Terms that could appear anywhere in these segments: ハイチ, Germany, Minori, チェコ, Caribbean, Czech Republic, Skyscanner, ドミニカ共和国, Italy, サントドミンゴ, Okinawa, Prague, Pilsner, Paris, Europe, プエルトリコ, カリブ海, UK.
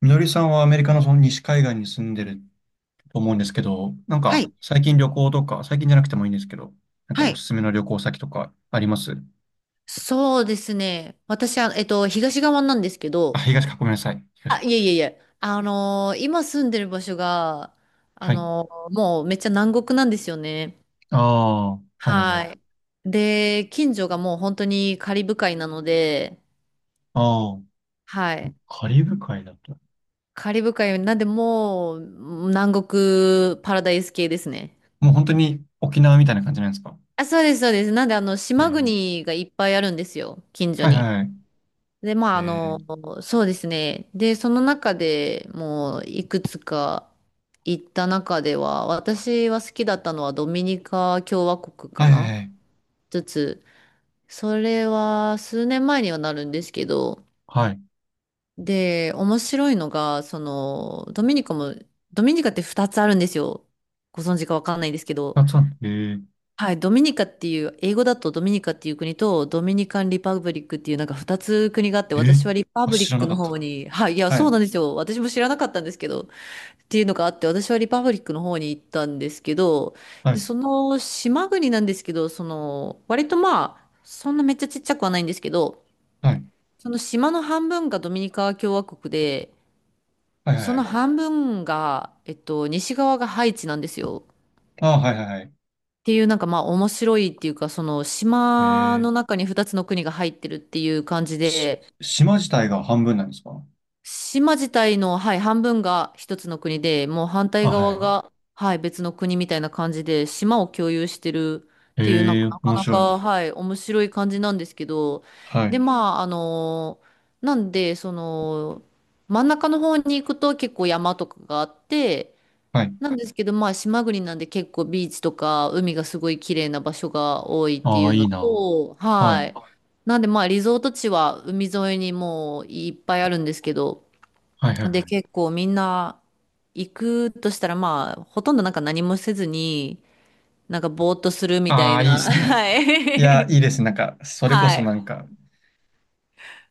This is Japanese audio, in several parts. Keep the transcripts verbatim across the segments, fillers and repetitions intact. みのりさんはアメリカのその西海岸に住んでると思うんですけど、なんはかい。最近旅行とか、最近じゃなくてもいいんですけど、なんかはおい。すすめの旅行先とかあります？そうですね。私は、えっと、東側なんですけあ、ど、東か、ごめんなさい。あ、東。いえいえいえ、あのー今住んでる場所が、あはい。のーもうめっちゃ南国なんですよね。ああ、はいはいははい。い。で、近所がもう本当にカリブ海なので、ああ、はい。カリブ海だと。カリブ海なんでもう南国パラダイス系ですね。もう本当に沖縄みたいな感じなんですか？あ、そうです、そうです。なんであの、え島ー、国がいっぱいあるんですよ、近所はいに。はいはい。で、まえあ、あー、の、そうですね。で、その中でもういくつか行った中では、私は好きだったのはドミニカ共和国かはいはいなはい。一つ。それは数年前にはなるんですけど、はい。で、面白いのが、その、ドミニカも、ドミニカってふたつあるんですよ。ご存知かわかんないんですけど。あ、そうなんだ、え、はい、ドミニカっていう、英語だとドミニカっていう国と、ドミニカン・リパブリックっていうなんかふたつ国があって、ええ私ー、はリパあ、ブリ知ッらなクかのった。方に、はい、いや、はそうなんい。ですよ。私も知らなかったんですけど、っていうのがあって、私はリパブリックの方に行ったんですけど、はで、い。その島国なんですけど、その、割とまあ、そんなめっちゃちっちゃくはないんですけど、はい。その島の半分がドミニカ共和国で、はいはいそはのい。半分が、えっと、西側がハイチなんですよ。ああ、はいはいはい。っていうなんかまあ面白いっていうかその島えのえ、中にふたつの国が入ってるっていう感じし、で島自体が半分なんですか？島自体の、はい、半分が一つの国でもう反対あ、は側い。が、はい、別の国みたいな感じで島を共有してるっていうなんえかえ、なか面な白い。か、はい、面白い感じなんですけど。はい。で、まあ、あのなんでその真ん中の方に行くと結構山とかがあってはい。なんですけど、まあ、島国なんで結構ビーチとか海がすごい綺麗な場所が多いってあいあ、ういのいな。と、ははい。い。なんで、まあ、リゾート地は海沿いにもういっぱいあるんですけど、はい、はい、はで、い。結構みんな行くとしたら、まあ、ほとんどなんか何もせずに、なんかぼーっとするみたあいあ、いいでな、すね。はいや、いいい。ですね。なんか、それこはそい。なんか、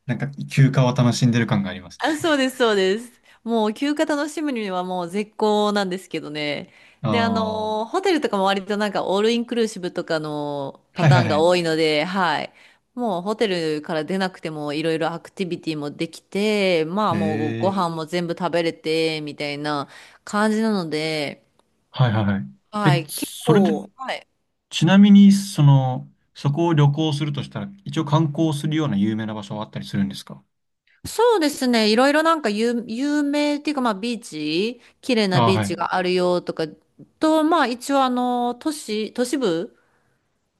なんか、休暇を楽しんでる感があります。あ、そうです、そうです。もう休暇楽しむにはもう絶好なんですけどね。あで、ああ、はのーホテルとかも割となんかオールインクルーシブとかのい、パはい、ターンはが多い。いので、はい。もうホテルから出なくてもいろいろアクティビティもできて、まあえもうごえ、飯も全部食べれて、みたいな感じなので、はい、はい、はい。はえ、い。結それで、構、はい。ちなみに、その、そこを旅行するとしたら、一応観光するような有名な場所はあったりするんですか？そうですね。いろいろなんか有、有名っていうか、まあビーチ、綺麗なああ、ビーはい。チがあるよとか、と、まあ一応あの、都市、都市部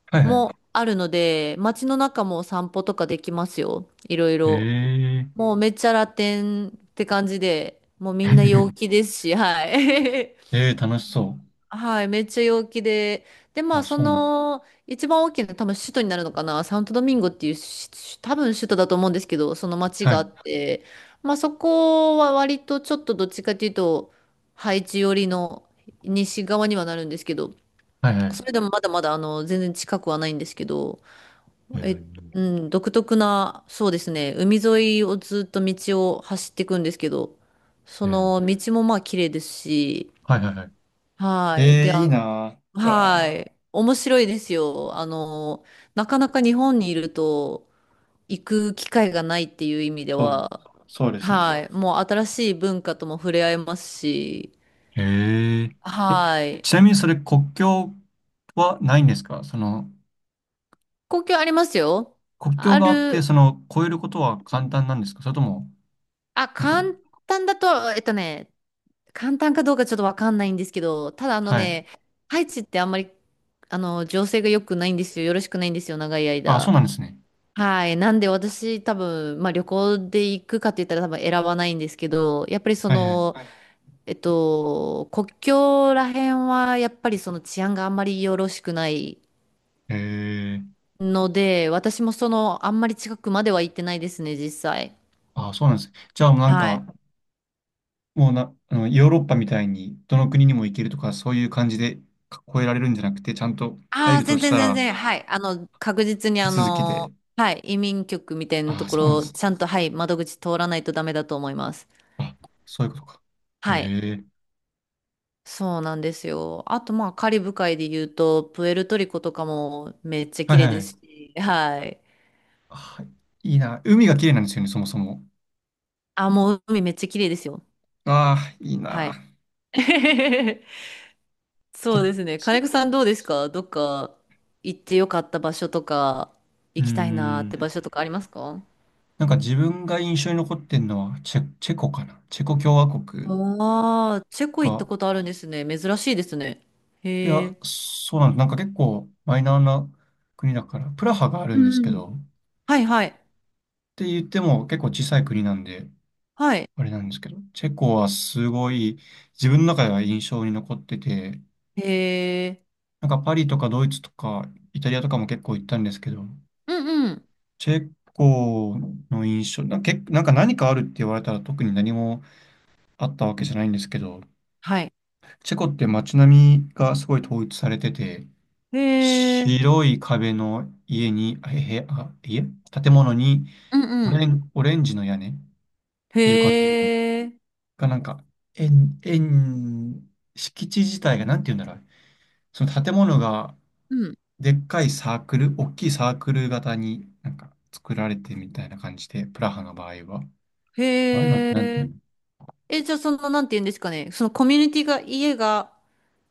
はい、はい。もあるので、街の中も散歩とかできますよ。いろいえろ。え、もうめっちゃラテンって感じで、もうみんな陽気 ですし、はい。ええ、楽しそはい、めっちゃ陽気で。で、う。まあ、あ、そそうなん。の、一番大きな、多分首都になるのかな、サントドミンゴっていうし、し多分首都だと思うんですけど、その町はがあい。って、まあ、そこは割とちょっとどっちかというと、ハイチ寄りの西側にはなるんですけど、はい、はそれい。でもまだまだ、あの、全然近くはないんですけど、ええっと、え。うん、独特な、そうですね、海沿いをずっと道を走っていくんですけど、そえのえ、道もまあ、綺麗ですし、はいはいはい。はえい。で、え、いあいの、なぁ。あはー、い。面白いですよ。あの、なかなか日本にいると行く機会がないっていう意味でそう、は、そうですね。はい。もう新しい文化とも触れ合えますし、へえ。え、はい。ちなみにそれ国境はないんですか、その、公共ありますよ。国境あがあって、る、その、越えることは簡単なんですか、それとも、あ、なんか、簡単だと、えっとね、簡単かどうかちょっとわかんないんですけど、ただあのはい。ね、ハイチってあんまり、あの、情勢が良くないんですよ。よろしくないんですよ、長いあ、そう間。なんですね。はい。なんで私多分、まあ旅行で行くかって言ったら多分選ばないんですけど、やっぱりそはいはの、い。はい。えっと、国境ら辺はやっぱりその治安があんまりよろしくないへえ。ので、私もその、あんまり近くまでは行ってないですね、実際。あ、そうなんですね。じゃあもうなんはい。か、もうな、あの、ヨーロッパみたいに、どの国にも行けるとか、そういう感じでか越えられるんじゃなくて、ちゃんとあ入あ、ると全し然た全ら、然、はい。あの、確実に手あ続きの、で。はい、移民局みたいなとあ、こそうなんでろ、すね。ちゃんと、はい、窓口通らないとダメだと思います。あ、そういうことか。へはい。え。そうなんですよ。あと、まあ、カリブ海で言うと、プエルトリコとかもめっちゃは綺い麗はですい。し、はい。あ、いいな。海が綺麗なんですよね、そもそも。あ、もう海めっちゃ綺麗ですよ。ああ、いいはな。い。こそっうですね。金ち。子さんどうですか？どっか行ってよかった場所とか、うー行きたいなーってん。場所とかありますか？なんか自分が印象に残ってんのはチェ、チェコかな。チェコ共和国ああー、チェコ行ったが。ことあるんですね。珍しいですね。いへや、え。そうなんです。なんか結構マイナーな国だから、プラハがあるうんですけん。ど、っはいはい。て言っても結構小さい国なんで、はい。あれなんですけど、チェコはすごい自分の中では印象に残ってて、へえ。なんかパリとかドイツとかイタリアとかも結構行ったんですけど、うんうん。チェコの印象、な、け、なんか何かあるって言われたら特に何もあったわけじゃないんですけど、はい。チェコって街並みがすごい統一されてて、へえ。白い壁の家に、あ、へ、あ、家建物にうんオうん。レン、オレンジの屋根っていう感じへで、え。がなんか、円、円、敷地自体がなんて言うんだろう。その建物がうん。でっかいサークル、大きいサークル型になんか作られてみたいな感じで、プラハの場合は。ああいうのってへなんていうえ。の？え、じゃあその、なんて言うんですかね。そのコミュニティが、家が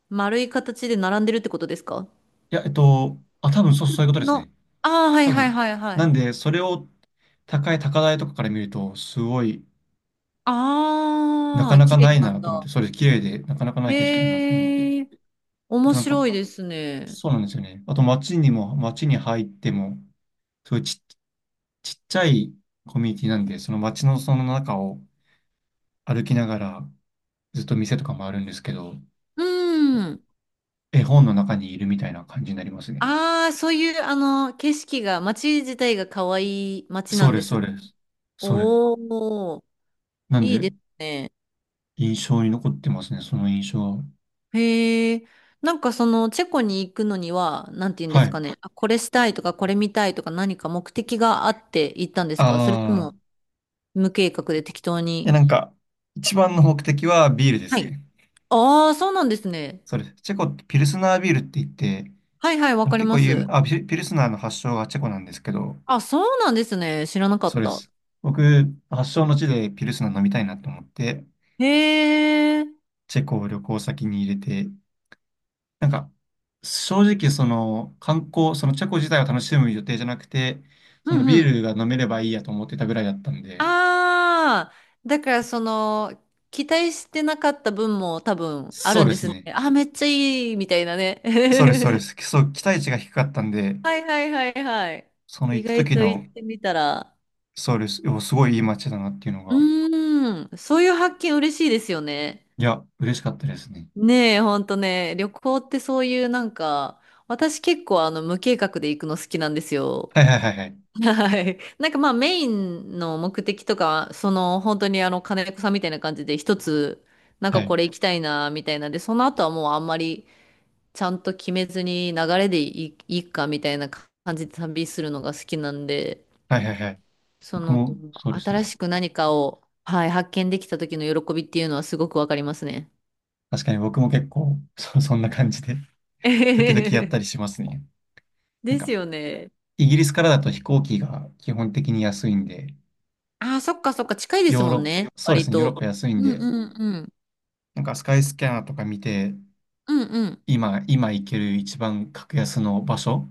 丸い形で並んでるってことですかいや、えっと、あ、多分そう、そういうことですの？ね。ああ、はい多はい分。はいはない。んで、それを高い高台とかから見ると、すごい、なあかあ、なか綺な麗いななんと思っだ。て、それ綺麗で、なかなかない景色だなと思って。へえ。あ面となんか、白いですね。そうなんですよね。あと街にも、街に入っても、すごいちっ、ちっちゃいコミュニティなんで、その街のその中を歩きながら、ずっと店とかもあるんですけど、うん。絵本の中にいるみたいな感じになりますね。ああ、そういう、あの、景色が、街自体が可愛い街なそうんでです、すそうね。です。それ。おお、なんいいで、ですね。印象に残ってますね、その印象は。へえ、なんかそのチェコに行くのには、なんて言うんではすい。かね。あ、これしたいとか、これ見たいとか、何か目的があって行ったんですか？それとああ、も無計画で適当いに。やなんか、一番の目的はビールではすい。ね。ああ、そうなんですね。そうです。チェコってピルスナービールって言って、はいはい、わそのかり結ま構有名、す。あ、ピルピルスナーの発祥がチェコなんですけど、あ、そうなんですね。知らなかそっうでた。す。僕、発祥の地でピルスナー飲みたいなと思って、へえ、うチェコを旅行先に入れて、なんか、正直その観光、そのチェコ自体を楽しむ予定じゃなくて、んそのうビーん。ルが飲めればいいやと思ってたぐらいだったんで、ああ、だからその、期待してなかった分も多分あそるうんでですすね。ね。あ、めっちゃいい、みたいなね。そうです、そうで す。そう、期待値が低かったんで、はいはいはいはい。その意行った外時と行の、ってみたら。そうです。でもすごいいい街だなっていうのうが、ーん。そういう発見嬉しいですよね。いや、嬉しかったですね。ねえ、ほんとね。旅行ってそういうなんか、私結構あの無計画で行くの好きなんですよ。はいはいはいはい。はい。なんかまあメインの目的とか、その本当にあの金子さんみたいな感じで一つ、なんはかこい。れ行きたいなみたいなんで、その後はもうあんまりちゃんと決めずに流れでいい、いいかみたいな感じで旅するのが好きなんで。はいはいはい。そ僕の、も、そうですね。新しく何かを、はい、発見できた時の喜びっていうのはすごくわかりますね。確かに僕も結構、そ、そんな感じで 時々やったりし ますね。なんですか、よね。イギリスからだと飛行機が基本的に安いんで、ああ、そっかそっか、近いですヨーもロッんパ、ね、そうで割すね、ヨーロッパと。安いんうんで、うんうん。なんかスカイスキャナーとか見て、うんうん。今、今行ける一番格安の場所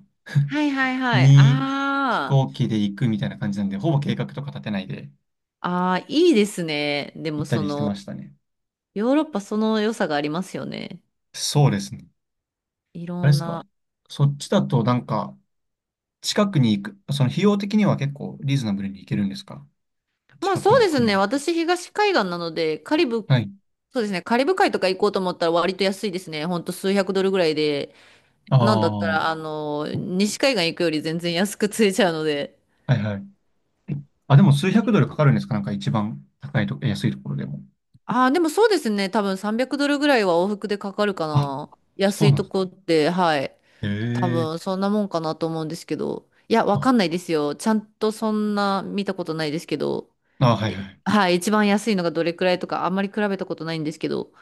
はいはい はい。にあ飛行機で行くみたいな感じなんで、ほぼ計画とか立てないであ、ああ、いいですね。で行もったそりしての、ましたね。ヨーロッパその良さがありますよね。そうですね。いあろれでんすか、な。そっちだとなんか、近くに行く、その費用的には結構リーズナブルに行けるんですか、まあ近くそうのです国ね。は。私、東海岸なので、カリブ、はい。そうですね。カリブ海とか行こうと思ったら割と安いですね。ほんと数百ドルぐらいでああ、なんだったはら、あの、西海岸行くより全然安く釣れちゃうので。いはい。あ、でも数百ドルかかるんですか、なんか一番高いと、安いところでも。ああ、でもそうですね。多分さんびゃくドルぐらいは往復でかかるかあ、な。そ安ういなとんこって、はい。だ。へ多分え、そんなもんかなと思うんですけど。いや、わあ、かんないですよ。ちゃんとそんな見たことないですけど。あ、はいえはい。はい、一番安いのがどれくらいとか、あんまり比べたことないんですけど。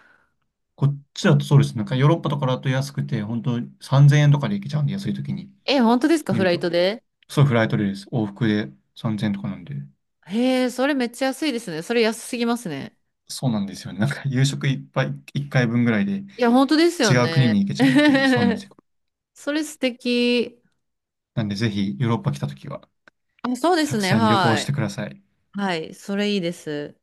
こっちだとそうです。なんかヨーロッパとかだと安くて、本当さんぜんえんとかで行けちゃうんで、安い時にえ、本当ですか見フるライと。トで？そう、フライトでです。往復でさんぜんえんとかなんで。へえ、それめっちゃ安いですね。それ安すぎますね。そうなんですよね。なんか夕食いっぱい、いっかいぶんぐらいでいや、本当ですよ違う国にね。行けちゃうっていう、そうなんです よ。それ素敵。なんでぜひヨーロッパ来た時はあ、そうでたすくね。さん旅行はしい。てください。はい。それいいです。